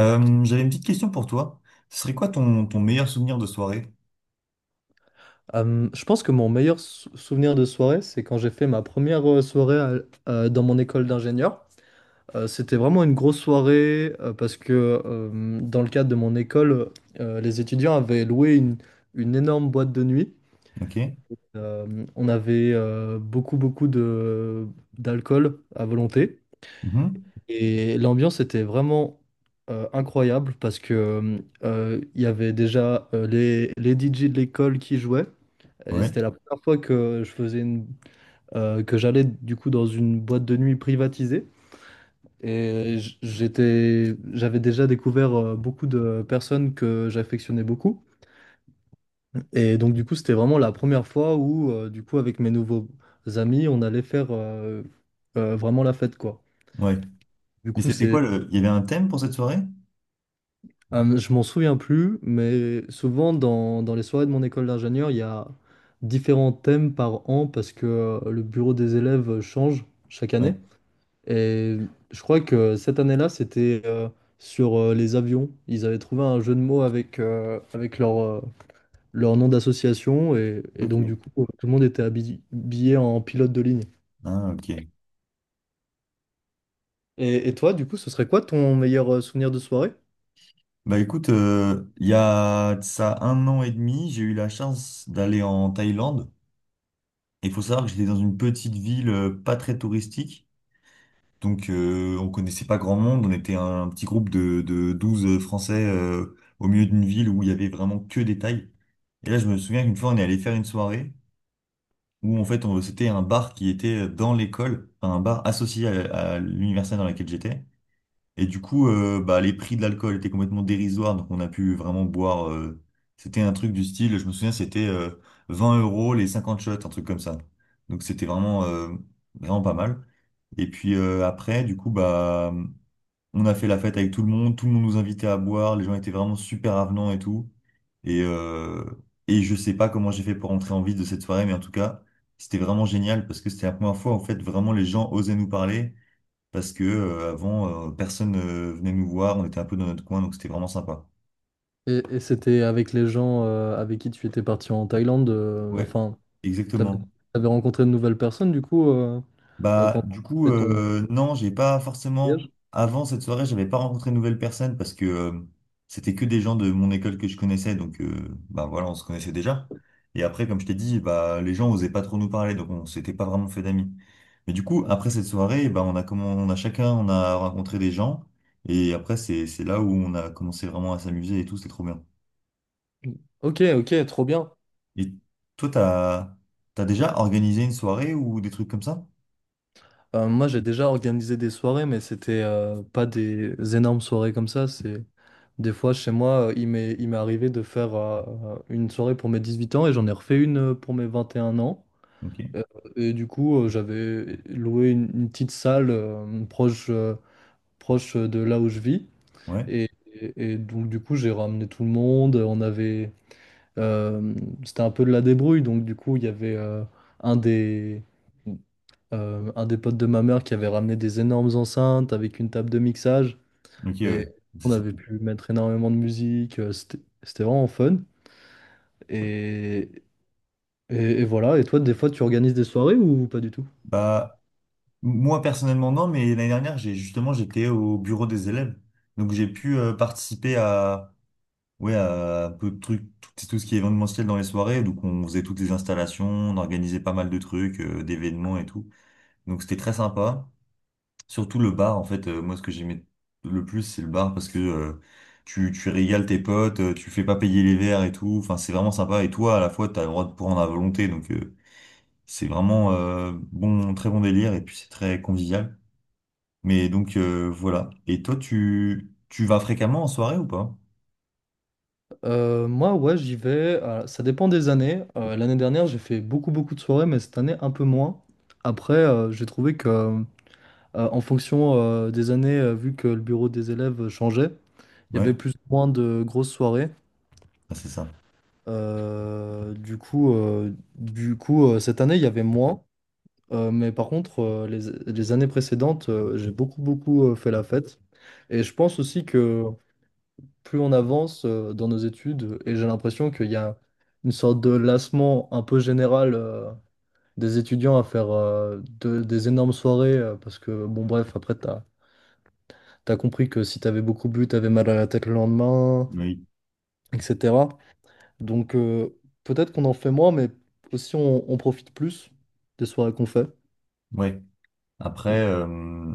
J'avais une petite question pour toi. Ce serait quoi ton meilleur souvenir de soirée? Je pense que mon meilleur souvenir de soirée, c'est quand j'ai fait ma première soirée dans mon école d'ingénieur. C'était vraiment une grosse soirée parce que dans le cadre de mon école, les étudiants avaient loué une énorme boîte de nuit. Ok. On avait beaucoup, beaucoup d'alcool à volonté. Mhm. Et l'ambiance était vraiment incroyable parce que il y avait déjà les DJ de l'école qui jouaient. Et Ouais. c'était la première fois que je faisais que j'allais du coup dans une boîte de nuit privatisée. Et j'avais déjà découvert beaucoup de personnes que j'affectionnais beaucoup. Et donc du coup, c'était vraiment la première fois où du coup avec mes nouveaux amis, on allait faire vraiment la fête quoi. Ouais. Du Mais coup, c'était quoi c'est, le... Il y avait un thème pour cette soirée? Je m'en souviens plus, mais souvent dans les soirées de mon école d'ingénieur, il y a différents thèmes par an parce que le bureau des élèves change chaque année. Ouais. Et je crois que cette année-là, c'était sur les avions. Ils avaient trouvé un jeu de mots avec leur nom d'association. Et Ok. donc, du coup, tout le monde était habillé en pilote de ligne. Ah, ok. Et toi, du coup, ce serait quoi ton meilleur souvenir de soirée? Bah écoute, il y a de ça un an et demi, j'ai eu la chance d'aller en Thaïlande. Et il faut savoir que j'étais dans une petite ville pas très touristique. Donc on connaissait pas grand monde. On était un, petit groupe de 12 Français au milieu d'une ville où il y avait vraiment que des Thaïs. Et là, je me souviens qu'une fois, on est allé faire une soirée, où en fait c'était un bar qui était dans l'école, enfin, un bar associé à l'université dans laquelle j'étais. Et du coup, bah, les prix de l'alcool étaient complètement dérisoires, donc on a pu vraiment boire. C'était un truc du style, je me souviens, c'était 20 € les 50 shots, un truc comme ça. Donc c'était vraiment pas mal. Et puis après, du coup, bah. On a fait la fête avec tout le monde nous invitait à boire, les gens étaient vraiment super avenants et tout. Et, euh, et je sais pas comment j'ai fait pour rentrer en vie de cette soirée, mais en tout cas, c'était vraiment génial parce que c'était la première fois, en fait, vraiment les gens osaient nous parler parce que avant, personne venait nous voir, on était un peu dans notre coin, donc c'était vraiment sympa. Et c'était avec les gens avec qui tu étais parti en Thaïlande. Ouais, Enfin, t'avais, exactement. t'avais rencontré de nouvelles personnes, du coup, Bah, quand tu du coup, fait ton non, j'ai pas forcément. voyage? Avant cette soirée, j'avais pas rencontré de nouvelles personnes parce que c'était que des gens de mon école que je connaissais, donc bah voilà, on se connaissait déjà. Et après, comme je t'ai dit, bah les gens osaient pas trop nous parler, donc on s'était pas vraiment fait d'amis. Mais du coup, après cette soirée, bah on a comment, on a chacun, on a rencontré des gens, et après c'est là où on a commencé vraiment à s'amuser et tout, c'était trop bien. Ok, ok, trop bien. Et toi, t'as déjà organisé une soirée ou des trucs comme ça? Moi, j'ai déjà organisé des soirées, mais c'était pas des énormes soirées comme ça. C'est des fois chez moi, il m'est arrivé de faire une soirée pour mes 18 ans et j'en ai refait une pour mes 21 ans. Ok, Euh, et du coup, j'avais loué une petite salle proche proche de là où je vis ouais, et, et donc du coup, j'ai ramené tout le monde. On avait euh, c'était un peu de la débrouille, donc du coup, il y avait un des un des potes de ma mère qui avait ramené des énormes enceintes avec une table de mixage. ok, Et ouais, c'est on ça. avait pu mettre énormément de musique. C'était vraiment fun. Et, et voilà. Et toi, des fois, tu organises des soirées ou pas du tout? Bah moi, personnellement, non, mais l'année dernière, j'ai justement, j'étais au bureau des élèves. Donc, j'ai pu participer à, ouais, à un peu de trucs, tout ce qui est événementiel dans les soirées. Donc, on faisait toutes les installations, on organisait pas mal de trucs, d'événements et tout. Donc, c'était très sympa. Surtout le bar, en fait, moi, ce que j'aimais le plus, c'est le bar parce que tu régales tes potes, tu fais pas payer les verres et tout. Enfin, c'est vraiment sympa. Et toi, à la fois, t'as le droit de prendre à volonté. Donc, c'est vraiment bon, très bon délire et puis c'est très convivial. Mais donc voilà. Et toi, tu vas fréquemment en soirée ou pas? Moi, ouais, j'y vais. Ça dépend des années. L'année dernière, j'ai fait beaucoup, beaucoup de soirées, mais cette année, un peu moins. Après, j'ai trouvé que en fonction des années, vu que le bureau des élèves changeait, il y avait Ouais. plus ou moins de grosses soirées. Ah, c'est ça. Cette année, il y avait moins. Mais par contre, les années précédentes, j'ai beaucoup, beaucoup fait la fête. Et je pense aussi que plus on avance dans nos études, et j'ai l'impression qu'il y a une sorte de lassement un peu général des étudiants à faire des énormes soirées. Parce que, bon, bref, après, t'as compris que si t'avais beaucoup bu, t'avais mal à la tête le lendemain, Oui. etc. Donc peut-être qu'on en fait moins, mais aussi on profite plus des soirées qu'on fait, Ouais. Après,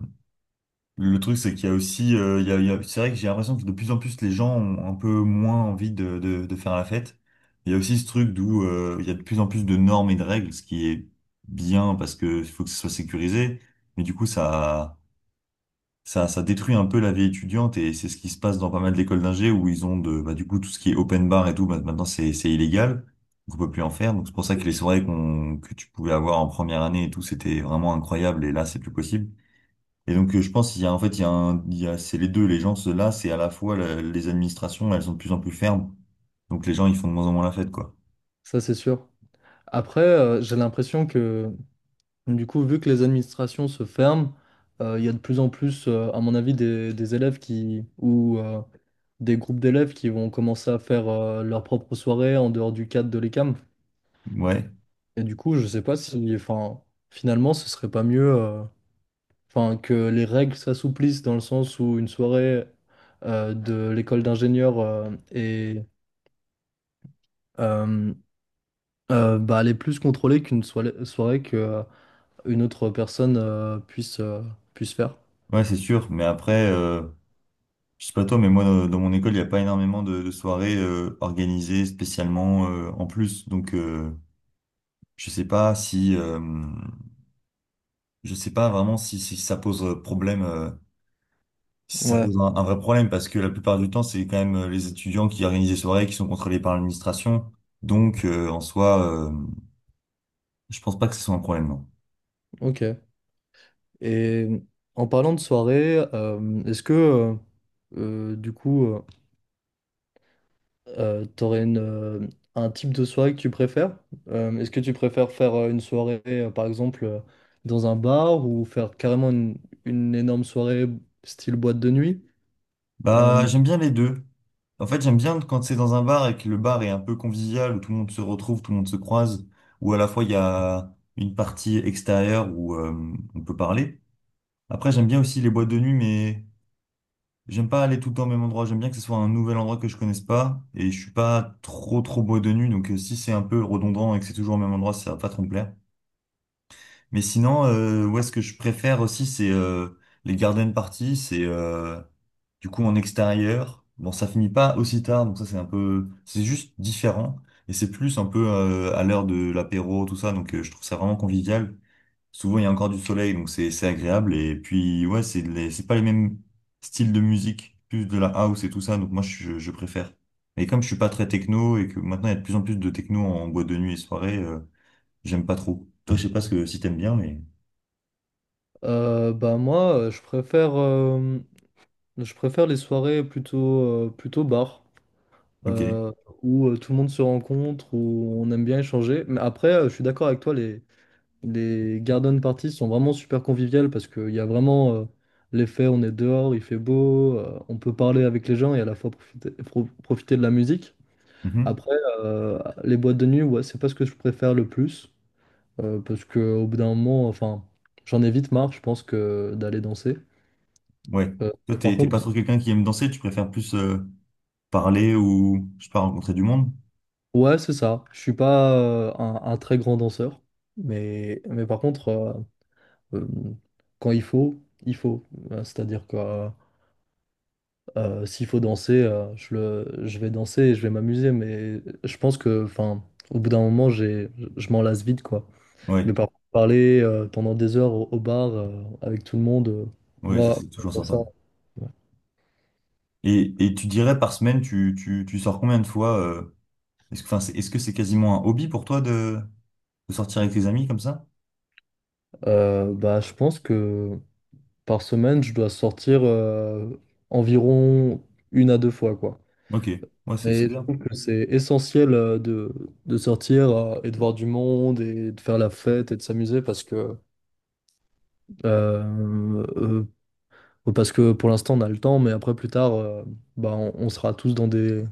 le truc, c'est qu'il y a aussi, c'est vrai que j'ai l'impression que de plus en plus les gens ont un peu moins envie de faire la fête. Il y a aussi ce truc d'où il y a de plus en plus de normes et de règles, ce qui est bien parce que il faut que ce soit sécurisé. Mais du coup, ça détruit un peu la vie étudiante et c'est ce qui se passe dans pas mal d'écoles d'ingé où ils ont de, bah, du coup, tout ce qui est open bar et tout, bah, maintenant c'est illégal. Donc on peut plus en faire. Donc c'est pour ça que les soirées que tu pouvais avoir en première année et tout, c'était vraiment incroyable et là c'est plus possible. Et donc je pense qu'il y a, en fait, il y a un, il y a, c'est les deux, les gens, ceux là, c'est à la fois les administrations, elles sont de plus en plus fermes. Donc les gens, ils font de moins en moins la fête, quoi. ça c'est sûr. Après, j'ai l'impression que du coup, vu que les administrations se ferment, il y a de plus en plus, à mon avis, des élèves qui ou des groupes d'élèves qui vont commencer à faire leurs propres soirées en dehors du cadre de l'ECAM. Ouais, Et du coup, je sais pas si, enfin, finalement, ce serait pas mieux. Enfin, que les règles s'assouplissent dans le sens où une soirée de l'école d'ingénieur euh, bah, elle est plus contrôlée qu'une soirée que une autre personne puisse faire. ouais, c'est sûr. Mais après, je sais pas toi, mais moi, dans mon école, il n'y a pas énormément de soirées organisées spécialement en plus. Donc, je sais pas si, je sais pas vraiment si, si ça pose problème, si ça Ouais, pose un vrai problème, parce que la plupart du temps, c'est quand même les étudiants qui organisent les soirées qui sont contrôlés par l'administration. Donc, en soi, je pense pas que ce soit un problème. Non. ok. Et en parlant de soirée, est-ce que, euh, du coup, euh, t'aurais un type de soirée que tu préfères? Est-ce que tu préfères faire une soirée, par exemple, dans un bar ou faire carrément une énorme soirée style boîte de nuit? Bah, Euh, j'aime bien les deux. En fait, j'aime bien quand c'est dans un bar et que le bar est un peu convivial, où tout le monde se retrouve, tout le monde se croise, où à la fois il y a une partie extérieure où on peut parler. Après, j'aime bien aussi les boîtes de nuit, mais j'aime pas aller tout le temps au même endroit. J'aime bien que ce soit un nouvel endroit que je connaisse pas, et je suis pas trop trop boîte de nuit, donc si c'est un peu redondant et que c'est toujours au même endroit, ça va pas trop me plaire. Mais sinon, est ce que je préfère aussi, c'est les garden parties. C'est du coup en extérieur. Bon, ça finit pas aussi tard, donc ça c'est un peu, c'est juste différent. Et c'est plus un peu à l'heure de l'apéro, tout ça. Donc je trouve ça vraiment convivial. Souvent il y a encore du soleil, donc c'est agréable. Et puis ouais, c'est pas les mêmes styles de musique, plus de la house et tout ça. Donc moi je préfère. Et comme je suis pas très techno et que maintenant il y a de plus en plus de techno en boîte de nuit et soirée, j'aime pas trop. Toi, je sais pas ce que si t'aimes bien, mais. euh, bah moi, euh, je préfère, euh, je préfère les soirées plutôt, plutôt bar, Ok. euh, où tout le monde se rencontre, où on aime bien échanger. Mais après, je suis d'accord avec toi, les garden parties sont vraiment super conviviales parce qu'il y a vraiment l'effet on est dehors, il fait beau, on peut parler avec les gens et à la fois profiter, profiter de la musique. Mhm. Après, euh, les boîtes de nuit, ouais, c'est pas ce que je préfère le plus parce qu'au bout d'un moment, enfin, j'en ai vite marre, je pense, que d'aller danser. Ouais. Euh, Toi, et par t'es pas contre, trop quelqu'un qui aime danser, tu préfères plus parler ou, je sais pas, rencontrer du monde? ouais, c'est ça. Je suis pas un très grand danseur, mais par contre, euh, quand il faut, il faut. C'est-à-dire que s'il faut danser, je vais danser et je vais m'amuser, mais je pense que, enfin, au bout d'un moment, je m'en lasse vite, quoi. Ouais. Mais par contre, parler pendant des heures au bar avec tout le monde, Ouais, ça moi, c'est toujours pour ça, sympa. Et tu dirais par semaine, tu sors combien de fois est-ce que, enfin, c'est, est-ce que c'est quasiment un hobby pour toi de sortir avec tes amis comme ça? Bah, je pense que par semaine, je dois sortir environ 1 à 2 fois, quoi. Ok. Ouais, c'est Mais je bien. trouve que c'est essentiel de sortir et de voir du monde et de faire la fête et de s'amuser euh, euh, Parce que pour l'instant, on a le temps, mais après, plus tard, bah, on sera tous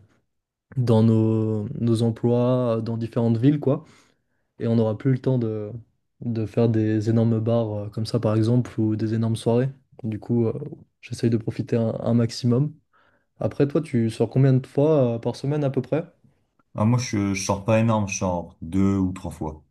dans nos emplois, dans différentes villes, quoi. Et on n'aura plus le temps de faire des énormes bars comme ça, par exemple, ou des énormes soirées. Du coup, j'essaye de profiter un maximum. Après, toi, tu sors combien de fois par semaine à peu près? Alors moi, je sors pas énorme, je sors deux ou trois fois.